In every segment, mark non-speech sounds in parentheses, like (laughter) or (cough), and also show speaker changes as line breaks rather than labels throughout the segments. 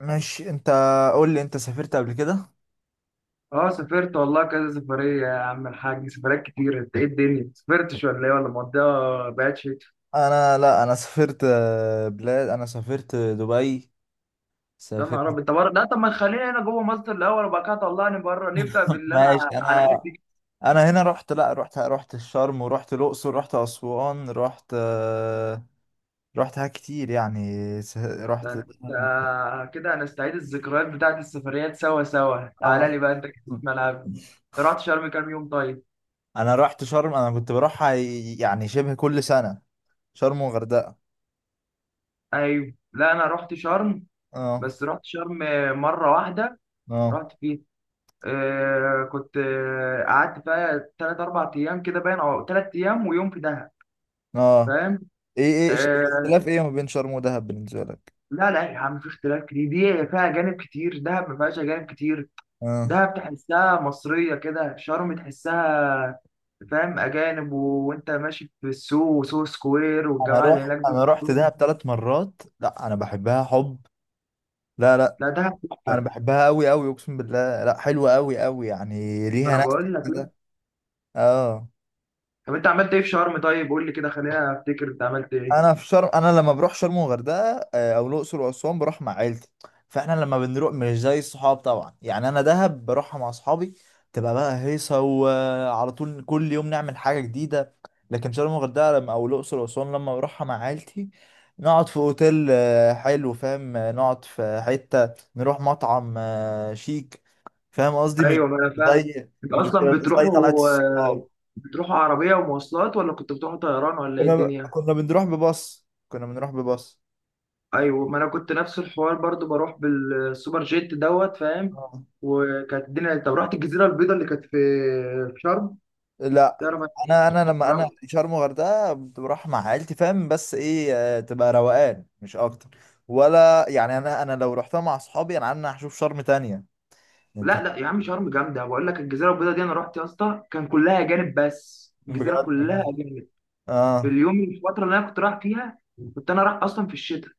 ماشي انت. قول لي، انت سافرت قبل كده؟
اه، سافرت والله كذا سفرية يا عم الحاج، سفريات كتير. انت ايه الدنيا، سافرتش ولا ايه، ولا مقضيها بعد شتاء؟
انا، لا، انا سافرت بلاد. انا سافرت دبي.
يا
سافرت
نهار ابيض، طب
(laughs)
بره لا، طب ما تخلينا هنا جوه مصر الاول، وبعد كده طلعني بره، نبدا باللي انا
ماشي
على
انا.
قد كده.
انا هنا رحت، لا، رحت الشرم، ورحت الاقصر، رحت اسوان، رحت رحت حاجات كتير يعني.
ده
رحت (laughs)
انت كده هنستعيد الذكريات بتاعت السفريات سوا سوا. تعالى
اه.
لي بقى انت كده في ملعبي، انت رحت شرم كام يوم طيب؟
انا رحت شرم. انا كنت بروحها يعني شبه كل سنة. شرم وغردقة.
ايوه، لا انا رحت شرم،
اه.
بس رحت شرم مرة واحدة
اه.
رحت فيها. كنت قعدت بقى تلات أربع أيام كده، باين أو 3 أيام ويوم في دهب،
اه.
فاهم؟
ايه.
آه.
الاختلاف ايه ما بين شرم ودهب بالنسبة لك؟
لا لا يا عم، في اختلاف كتير. دي فيها أجانب كتير، دهب ما فيهاش أجانب كتير.
آه.
دهب تحسها مصرية كده، شرم تحسها، فاهم، أجانب. و- وأنت ماشي في السوق وسوق سكوير،
انا
والجماعة اللي
رحت
هناك دول
انا رحت
كلهم.
دهب 3 مرات. لا، انا بحبها حب. لا، لا.
لا دهب
انا
تحفة.
بحبها قوي قوي، اقسم بالله. لا، حلوه قوي قوي يعني،
ما
ليها
أنا
نكهه
بقول لك، لا.
كده. اه.
طب أنت عملت إيه في شرم طيب؟ قول لي كده، خلينا أفتكر أنت عملت إيه.
انا لما بروح شرم وغردقه، او الاقصر واسوان، بروح مع عيلتي. فاحنا لما بنروح مش زي الصحاب طبعا، يعني انا دهب بروحها مع اصحابي. تبقى بقى هيصه، وعلى طول كل يوم نعمل حاجه جديده. لكن شرم وغردقه لما، او الاقصر واسوان، لما بروحها مع عيلتي، نقعد في اوتيل حلو، فاهم، نقعد في حته، نروح مطعم شيك. فاهم قصدي؟ مش
ايوه، ما انا فاهم.
زي
انت
مش
اصلا
زي طلعت
بتروحوا، آه،
الصحاب.
بتروحوا عربيه ومواصلات، ولا كنت بتروحوا طيران، ولا ايه
كنا
الدنيا؟
كنا بنروح بباص. كنا بنروح بباص.
ايوه، ما انا كنت نفس الحوار برضو، بروح بالسوبر جيت دوت، فاهم. وكانت الدنيا. طب رحت الجزيره البيضاء اللي كانت في شرم؟
لا،
تعرف،
انا لما انا
أنا-
شرم الغردقه بروح مع عيلتي، فاهم، بس ايه، تبقى روقان مش اكتر. ولا يعني، انا لو رحتها مع اصحابي، انا عندنا هشوف شرم تانية. انت.
لا لا يا عم، شرم جامده بقول لك. الجزيره البيضاء دي انا رحت يا اسطى، كان كلها اجانب، بس
فاهم
الجزيره
بجد
كلها
والله.
اجانب. في
اه.
اليوم الفتره اللي انا كنت رايح فيها، كنت انا رايح اصلا في الشتاء،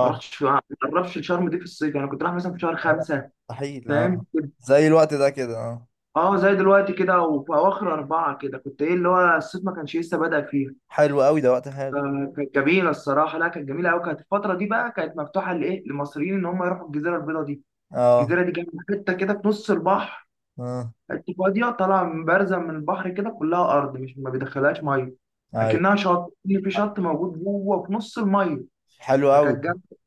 ما رحتش في، ما قربش شرم دي في الصيف، انا كنت رايح مثلا في شهر
آه،
خمسة
مستحيل.
فاهم.
اه. زي الوقت ده كده. اه.
اه زي دلوقتي كده، وفي اواخر 4 كده، كنت ايه، اللي هو الصيف ما كانش لسه بدأ فيها.
حلو قوي ده، وقت حلو.
فكانت جميله الصراحه، لا كانت جميله قوي. كانت الفتره دي بقى كانت مفتوحه لايه، للمصريين ان هم يروحوا الجزيره البيضاء دي.
اه.
الجزيره دي كانت حته كده في نص البحر،
اه.
حته فاضيه طالعه من، بارزه من البحر كده، كلها ارض، مش ما بيدخلهاش ميه.
ايوه
اكنها شط، إن في شط موجود جوه في نص الميه.
حلو قوي.
فكانت جامده.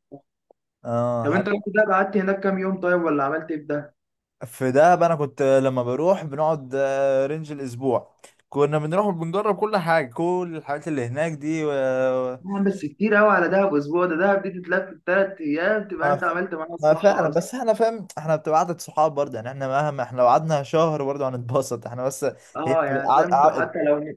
اه
طب
حلو.
انت رحت دهب، قعدت هناك كام يوم طيب، ولا عملت ايه في دهب؟
في دهب انا كنت لما بروح بنقعد رينج الاسبوع. كنا بنروح وبنجرب كل حاجه، كل الحاجات اللي هناك دي.
بس كتير قوي على دهب اسبوع ده. دهب دي تتلف في 3 ايام، تبقى
ما, ف...
انت عملت معاها
ما،
الصح.
فعلا، بس احنا، فاهم، احنا بتبقى قعدة صحاب برضه يعني. احنا مهما لو قعدنا شهر برضه هنتبسط احنا، بس هي
اه
بتبقى
يعني، فاهم انتوا، حتى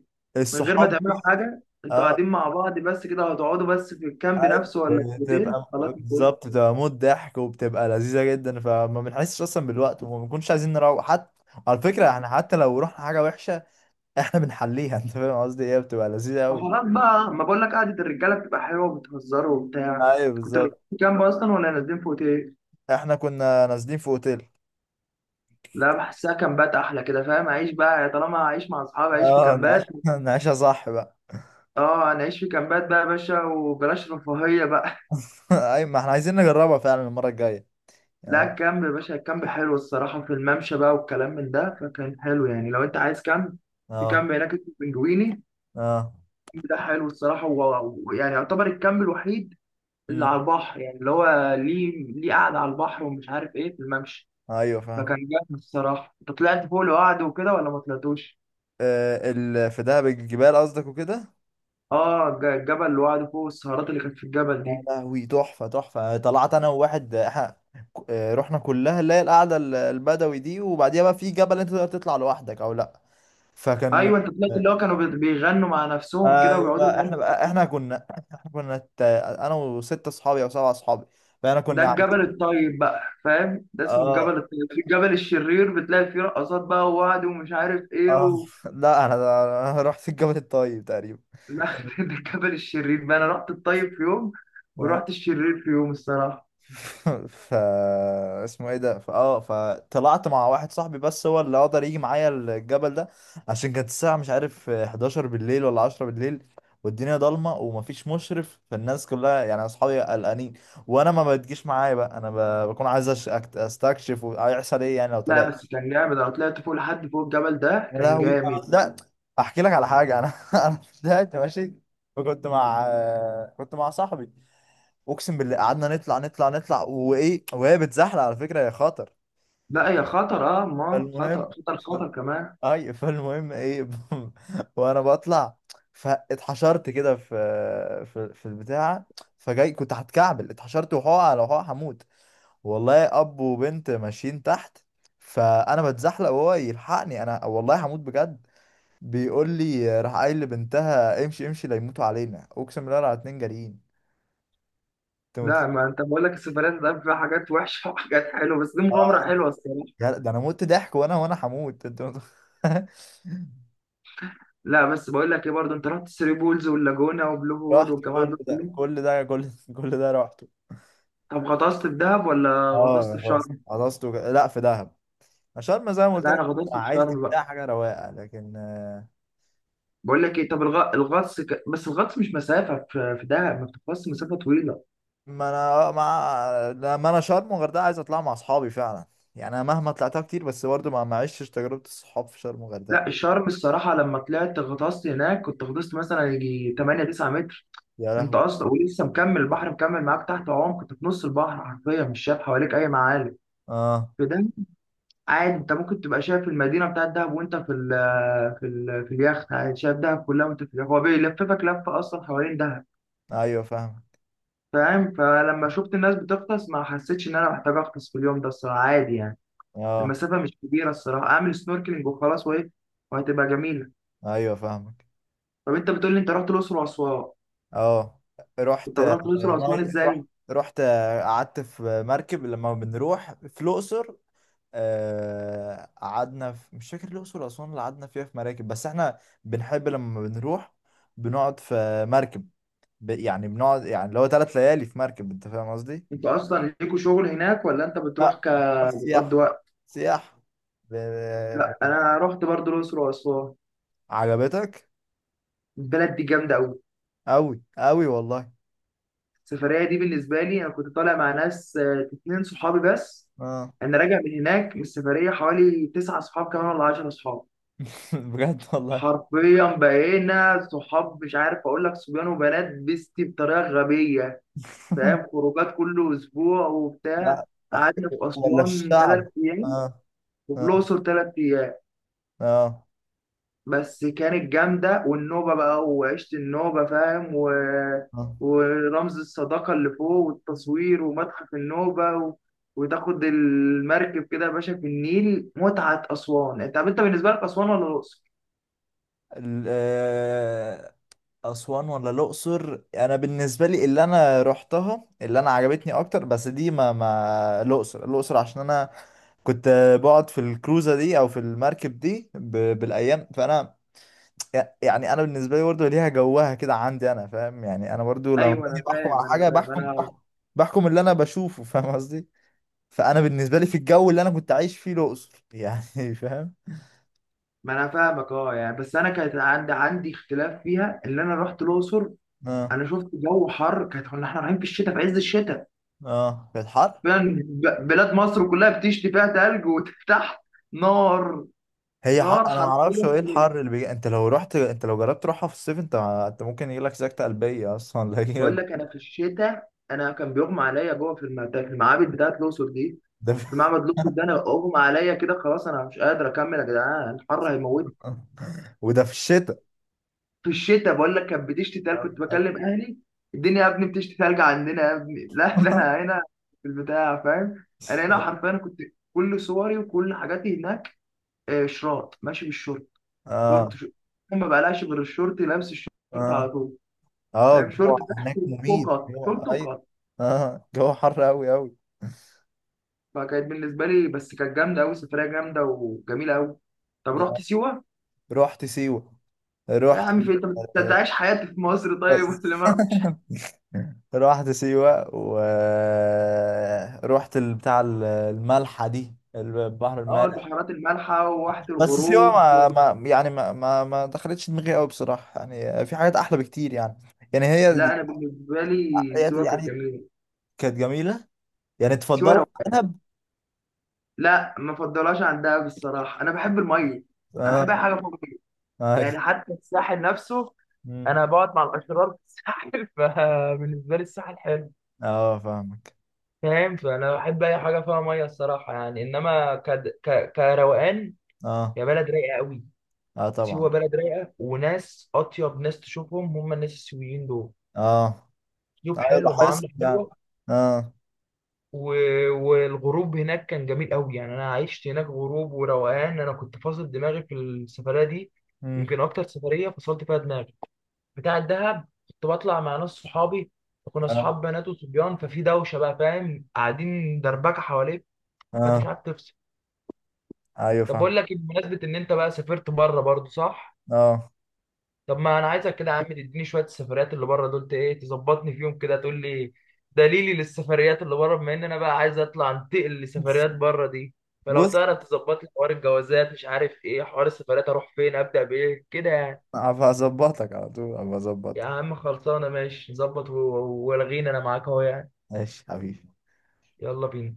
من غير ما
الصحاب
تعملوا
دي.
حاجه انتوا
اه.
قاعدين مع بعض بس كده، هتقعدوا بس في الكامب
أي-
نفسه، ولا في الاوتيل؟
بتبقى
خلاص انتوا ايه.
بالظبط، بتبقى موت ضحك وبتبقى لذيذه جدا، فما بنحسش اصلا بالوقت، وما بنكونش عايزين نروح حتى. على فكره، احنا حتى لو رحنا حاجه وحشه احنا بنحليها (laughs) انت فاهم قصدي ايه؟ بتبقى لذيذه
ما
قوي.
خلاص بقى، ما بقول لك قعده الرجاله بتبقى حلوه، وبتهزروا وبتاع.
ايوه
كنتوا نازلين
بالظبط.
في كامب اصلا، ولا نازلين في اوتيل؟
احنا كنا نازلين في اوتيل.
لا بحسها كامبات احلى كده، فاهم؟ اعيش بقى، طالما هعيش مع اصحابي اعيش في
اه، نعيش
كامبات.
(laughs) نعيشها صح بقى.
اه انا اعيش في كامبات بقى يا باشا، وبلاش رفاهيه بقى.
(laughs) ايوه ما احنا عايزين نجربها فعلا المره الجايه.
(laughs) لا
اه.
الكامب يا باشا، الكامب حلو الصراحه، في الممشى بقى والكلام من ده، فكان حلو يعني. لو انت عايز كامب، في
اه.
كامب هناك اسمه بنجويني،
اه.
ده حلو الصراحة، و- ويعني يعتبر الكامب الوحيد اللي
مم.
على البحر، يعني اللي هو ليه قعدة على البحر، ومش عارف ايه في الممشى.
ايوه فاهم.
فكان جامد الصراحة. انت طلعت فوق لوحده وكده، ولا ما طلعتوش؟
آه، في دهب، الجبال قصدك وكده.
اه الجبل لوحده فوق، السهرات اللي كانت في الجبل
يا
دي.
لهوي، تحفه تحفه. طلعت انا وواحد احنا رحنا كلها، اللي هي القعده البدوي دي، وبعديها بقى في جبل انت تقدر تطلع لوحدك او لا. فكان.
ايوه انت طلعت، اللي هو كانوا بيغنوا مع نفسهم كده ويقعدوا
ايوه
يغنوا.
احنا كنا (laughs) انا وستة اصحابي او 7 اصحابي، فاحنا
ده
كنا.
الجبل الطيب بقى فاهم، ده اسمه
اه.
الجبل الطيب. في الجبل الشرير بتلاقي فيه رقصات بقى، ووعد ومش عارف ايه.
اه. لا، أنا رحت الجبل الطيب تقريبا.
لا،
كان-
(laughs) ده الكبل الشرير بقى. انا رحت الطيب في يوم،
اه.
ورحت الشرير في يوم الصراحه.
(laughs) ف اسمه ايه ده ف اه فطلعت مع واحد صاحبي، بس هو اللي قدر يجي معايا الجبل ده، عشان كانت الساعة مش عارف 11 بالليل ولا 10 بالليل، والدنيا ضلمة ومفيش مشرف، فالناس كلها يعني اصحابي قلقانين، وانا ما بتجيش معايا بقى. انا بكون عايز استكشف، وهيحصل ايه يعني لو
لا
طلعت.
بس كان جامد. انا طلعت فوق لحد فوق الجبل ده،
يا
كان
لهوي، أنا
جامد.
بدأت احكي لك على حاجه. انا (laughs) انا بدأت ماشي، وكنت مع كنت مع صاحبي. اقسم بالله قعدنا نطلع، نطلع، نطلع، وايه، وهي بتزحلق على فكره يا خاطر.
لا هي خطر، اه ما
فالمهم
خطر، خطر
فال...
خطر كمان.
اي فالمهم ايه؟ (laughs) وانا بطلع، فاتحشرت كده في، في البتاع. فجاي كنت هتكعبل، اتحشرت وحقع على حقع، هموت والله. اب وبنت ماشيين تحت، فانا بتزحلق وهو يلحقني، انا والله هموت بجد. بيقول لي، راح قايل لبنتها: امشي امشي لا يموتوا علينا، اقسم بالله، على 2 جاريين. انت متخ-
لا، ما انت بقول لك السفريات ده فيها حاجات وحشه (laughs) وحاجات حلوه. بس دي مغامره
اه.
حلوه الصراحه.
ده انا مت ضحك، وانا هموت. (laughs)
لا بس بقول لك ايه برضه، انت رحت ثري بولز واللاجونه وبلو هول،
رحت
والجماعه
كل
دول
ده
كلهم؟
كل ده كل كل ده رحته.
طب غطست في دهب ولا غطست
اه،
في
خلاص
شرم؟
خلصته، لا، في دهب، عشان زي ما قلت
لا
لك،
انا غطست
مع
في
عيلتي
شرم بقى.
بتاع حاجه رواقه، لكن
بقول لك ايه، طب الغطس، بس الغطس مش مسافه، في دهب ما بتغطس مسافه طويله.
ما انا مع لما انا شرم وغردقه عايز اطلع مع اصحابي فعلا. يعني انا مهما طلعتها كتير، بس برضه ما عشتش تجربه الصحاب في شرم
لا
وغردقه.
الشرم الصراحة، لما طلعت غطست هناك، كنت غطست مثلا يجي 8 9 متر.
يا
انت
لهوي.
اصلا ولسه مكمل البحر، مكمل معاك تحت عمق. كنت في نص البحر حرفيا، مش شايف حواليك اي معالم
اه.
في ده. عادي انت ممكن تبقى شايف المدينة بتاعت دهب وانت في ال في ال في اليخت، عادي شايف دهب كلها وانت في اليخت. هو بيلففك لفة اصلا حوالين دهب،
ايوه فاهم.
فاهم؟ فلما شفت الناس بتغطس، ما حسيتش ان انا محتاج اغطس في اليوم ده الصراحة، عادي يعني.
اه.
المسافة مش كبيرة الصراحة، اعمل سنوركلينج وخلاص وايه، وهتبقى جميلة.
ايوه فاهمك.
طب انت بتقول لي انت رحت الاقصر واسوان،
اه. رحت
انت رحت الاقصر واسوان
رحت،
ازاي؟
قعدت في مركب لما بنروح في الاقصر. قعدنا في مش فاكر الاقصر واسوان اللي قعدنا فيها في مراكب، بس احنا بنحب لما بنروح بنقعد في مركب، يعني بنقعد، يعني اللي هو 3 ليالي في مركب. انت فاهم قصدي؟
انتوا اصلا ليكوا شغل هناك، ولا انت بتروح
لا، بنروح
بتقضي
سياحة.
وقت؟
سياحة. ب...
لا
ب-
انا رحت برضه الاقصر واسوان.
عجبتك؟
البلد دي جامده قوي.
أوي أوي والله.
السفريه دي بالنسبه لي، انا كنت طالع مع ناس، 2 صحابي بس.
اه.
انا راجع من هناك من السفريه حوالي 9 صحاب كمان ولا 10 صحاب.
(laughs) بجد والله.
حرفيا بقينا صحاب، مش عارف اقول لك، صبيان وبنات بيستي بطريقه غبيه، فاهم.
(laughs)
خروجات كل اسبوع
لا.
وبتاع. قعدنا في
ولا
اسوان
الشعب.
3 ايام،
اه.
وفي
اه.
الاقصر 3 ايام،
اه.
بس كانت جامدة. والنوبة بقى، وعشت النوبة فاهم، و...
آه.
ورمز الصداقة اللي فوق والتصوير ومتحف النوبة، و... وتاخد المركب كده يا باشا في النيل، متعة أسوان. أنت طب، أنت بالنسبة لك أسوان ولا الأقصر؟
ال- آه، أسوان ولا الأقصر؟ أنا بالنسبة لي اللي أنا روحتها، اللي أنا عجبتني أكتر، بس دي ما، الأقصر، الأقصر عشان أنا كنت بقعد في الكروزة دي أو في المركب دي بالأيام. فأنا يعني، أنا بالنسبة لي برضه ليها جوها كده عندي أنا، فاهم. يعني أنا برضه لما
أيوه
باجي
أنا
بحكم على
فاهم، أنا
حاجة،
فاهم.
بحكم
أنا،
بحكم بحكم اللي أنا بشوفه، فاهم قصدي. فانا بالنسبه لي في الجو اللي انا كنت عايش فيه الاقصر يعني (laughs) فاهم.
ما أنا فاهمك، أه يعني. بس أنا كانت عندي اختلاف فيها اللي أنا رحت الأقصر.
اه.
أنا شفت جو حر، كنا إحنا رايحين في الشتاء، في عز الشتاء
اه في الحر.
فعلا. بلاد مصر كلها بتشتي فيها تلج، وتحت نار.
هي
نار
حق، انا ما اعرفش هو
حرفيا
ايه
في،
الحر اللي بيجي. انت لو جربت تروحها في الصيف، انت ممكن يجيلك سكتة قلبية اصلا (laughs) لا،
بقول لك انا في الشتاء، انا كان بيغمى عليا جوه في في المعابد بتاعت الاقصر دي.
ده
في معبد الاقصر ده انا اغمى عليا كده، خلاص انا مش قادر اكمل يا جدعان، الحر هيموت.
(laughs) وده في الشتاء.
في الشتاء، بقول لك كانت بتشتي تلج. كنت بكلم اهلي، الدنيا يا ابني بتشتي تلج عندنا يا ابني. (laughs) لا ده انا
(laughs)
هنا في البتاع، فاهم، انا هنا حرفيا كنت، كل صوري وكل حاجاتي هناك، شراط ماشي بالشورت. شورت
اه.
شورت ما بقلاش غير الشورت، لابس الشورت
اه.
على طول،
اه
فاهم،
الجو
شورت تحت
هناك
وفوق
مميت
قط،
هو،
شورت
ايوه.
وقط.
اه، جو حر قوي قوي.
فكانت بالنسبه لي، بس كانت جامده قوي، سفريه جامده وجميله قوي. طب رحت سيوه؟
رحت سيوة.
يا
رحت
عم في انت،
آه،
بتعيش حياتي في مصر طيب، (laughs)
بس.
ولا ما رحتش.
(laughs) رحت سيوة ورحت بتاع الملحة دي، البحر
اه
المالح.
البحيرات المالحه وواحه
بس سيوة،
الغروب.
ما، يعني، ما دخلتش دماغي قوي بصراحة، يعني في حاجات أحلى بكتير يعني. يعني هي،
لا انا بالنسبه لي
هي
سيوه كانت
يعني
جميله.
كانت جميلة. يعني
سيوه لو
تفضلها عن دهب؟
لا ما فضلهاش عن دهب الصراحه، انا بحب الميه. انا
اه.
بحب اي حاجه فوق الميه،
اه.
يعني حتى الساحل نفسه،
مم.
انا بقعد مع الاشرار في الساحل. (laughs) فبالنسبه لي الساحل حلو،
اه فاهمك.
فاهم. فانا بحب اي حاجه فيها ميه الصراحه يعني، انما كروقان،
اه.
هي بلد رايقه قوي.
اه طبعا.
سيوه بلد رايقه، وناس اطيب ناس تشوفهم هم الناس السيويين دول،
اه
اسلوب
ايوه
حلو،
لاحظت
معامله حلوه.
يعني. اه.
و... والغروب هناك كان جميل قوي يعني، انا عشت هناك غروب وروقان. انا كنت فاصل دماغي في السفريه دي،
مم.
يمكن اكتر سفريه فصلت فيها دماغي. بتاع الدهب كنت بطلع مع ناس صحابي، كنا
اه.
اصحاب بنات وصبيان، ففي دوشه بقى فاهم، قاعدين دربكه حواليك، فانت
اه
مش عارف تفصل.
ايوه
طب
فاهم.
بقول لك إيه، بمناسبه ان انت بقى سافرت بره برضو، صح؟
اه.
طب ما انا عايزك كده يا عم تديني شويه السفريات اللي بره دول، ايه تظبطني فيهم كده، تقول لي دليلي للسفريات اللي بره، بما ان انا بقى عايز اطلع انتقل لسفريات بره دي. فلو
بص،
تعرف تظبط لي حوار الجوازات، مش عارف ايه، حوار السفريات اروح فين، ابدا بايه كده يعني.
هبقى اظبطك على طول، هبقى
يا
اظبطك.
عم خلصانه ماشي، نظبط، والغينا انا معاك اهو يعني.
ماشي حبيبي.
يلا بينا.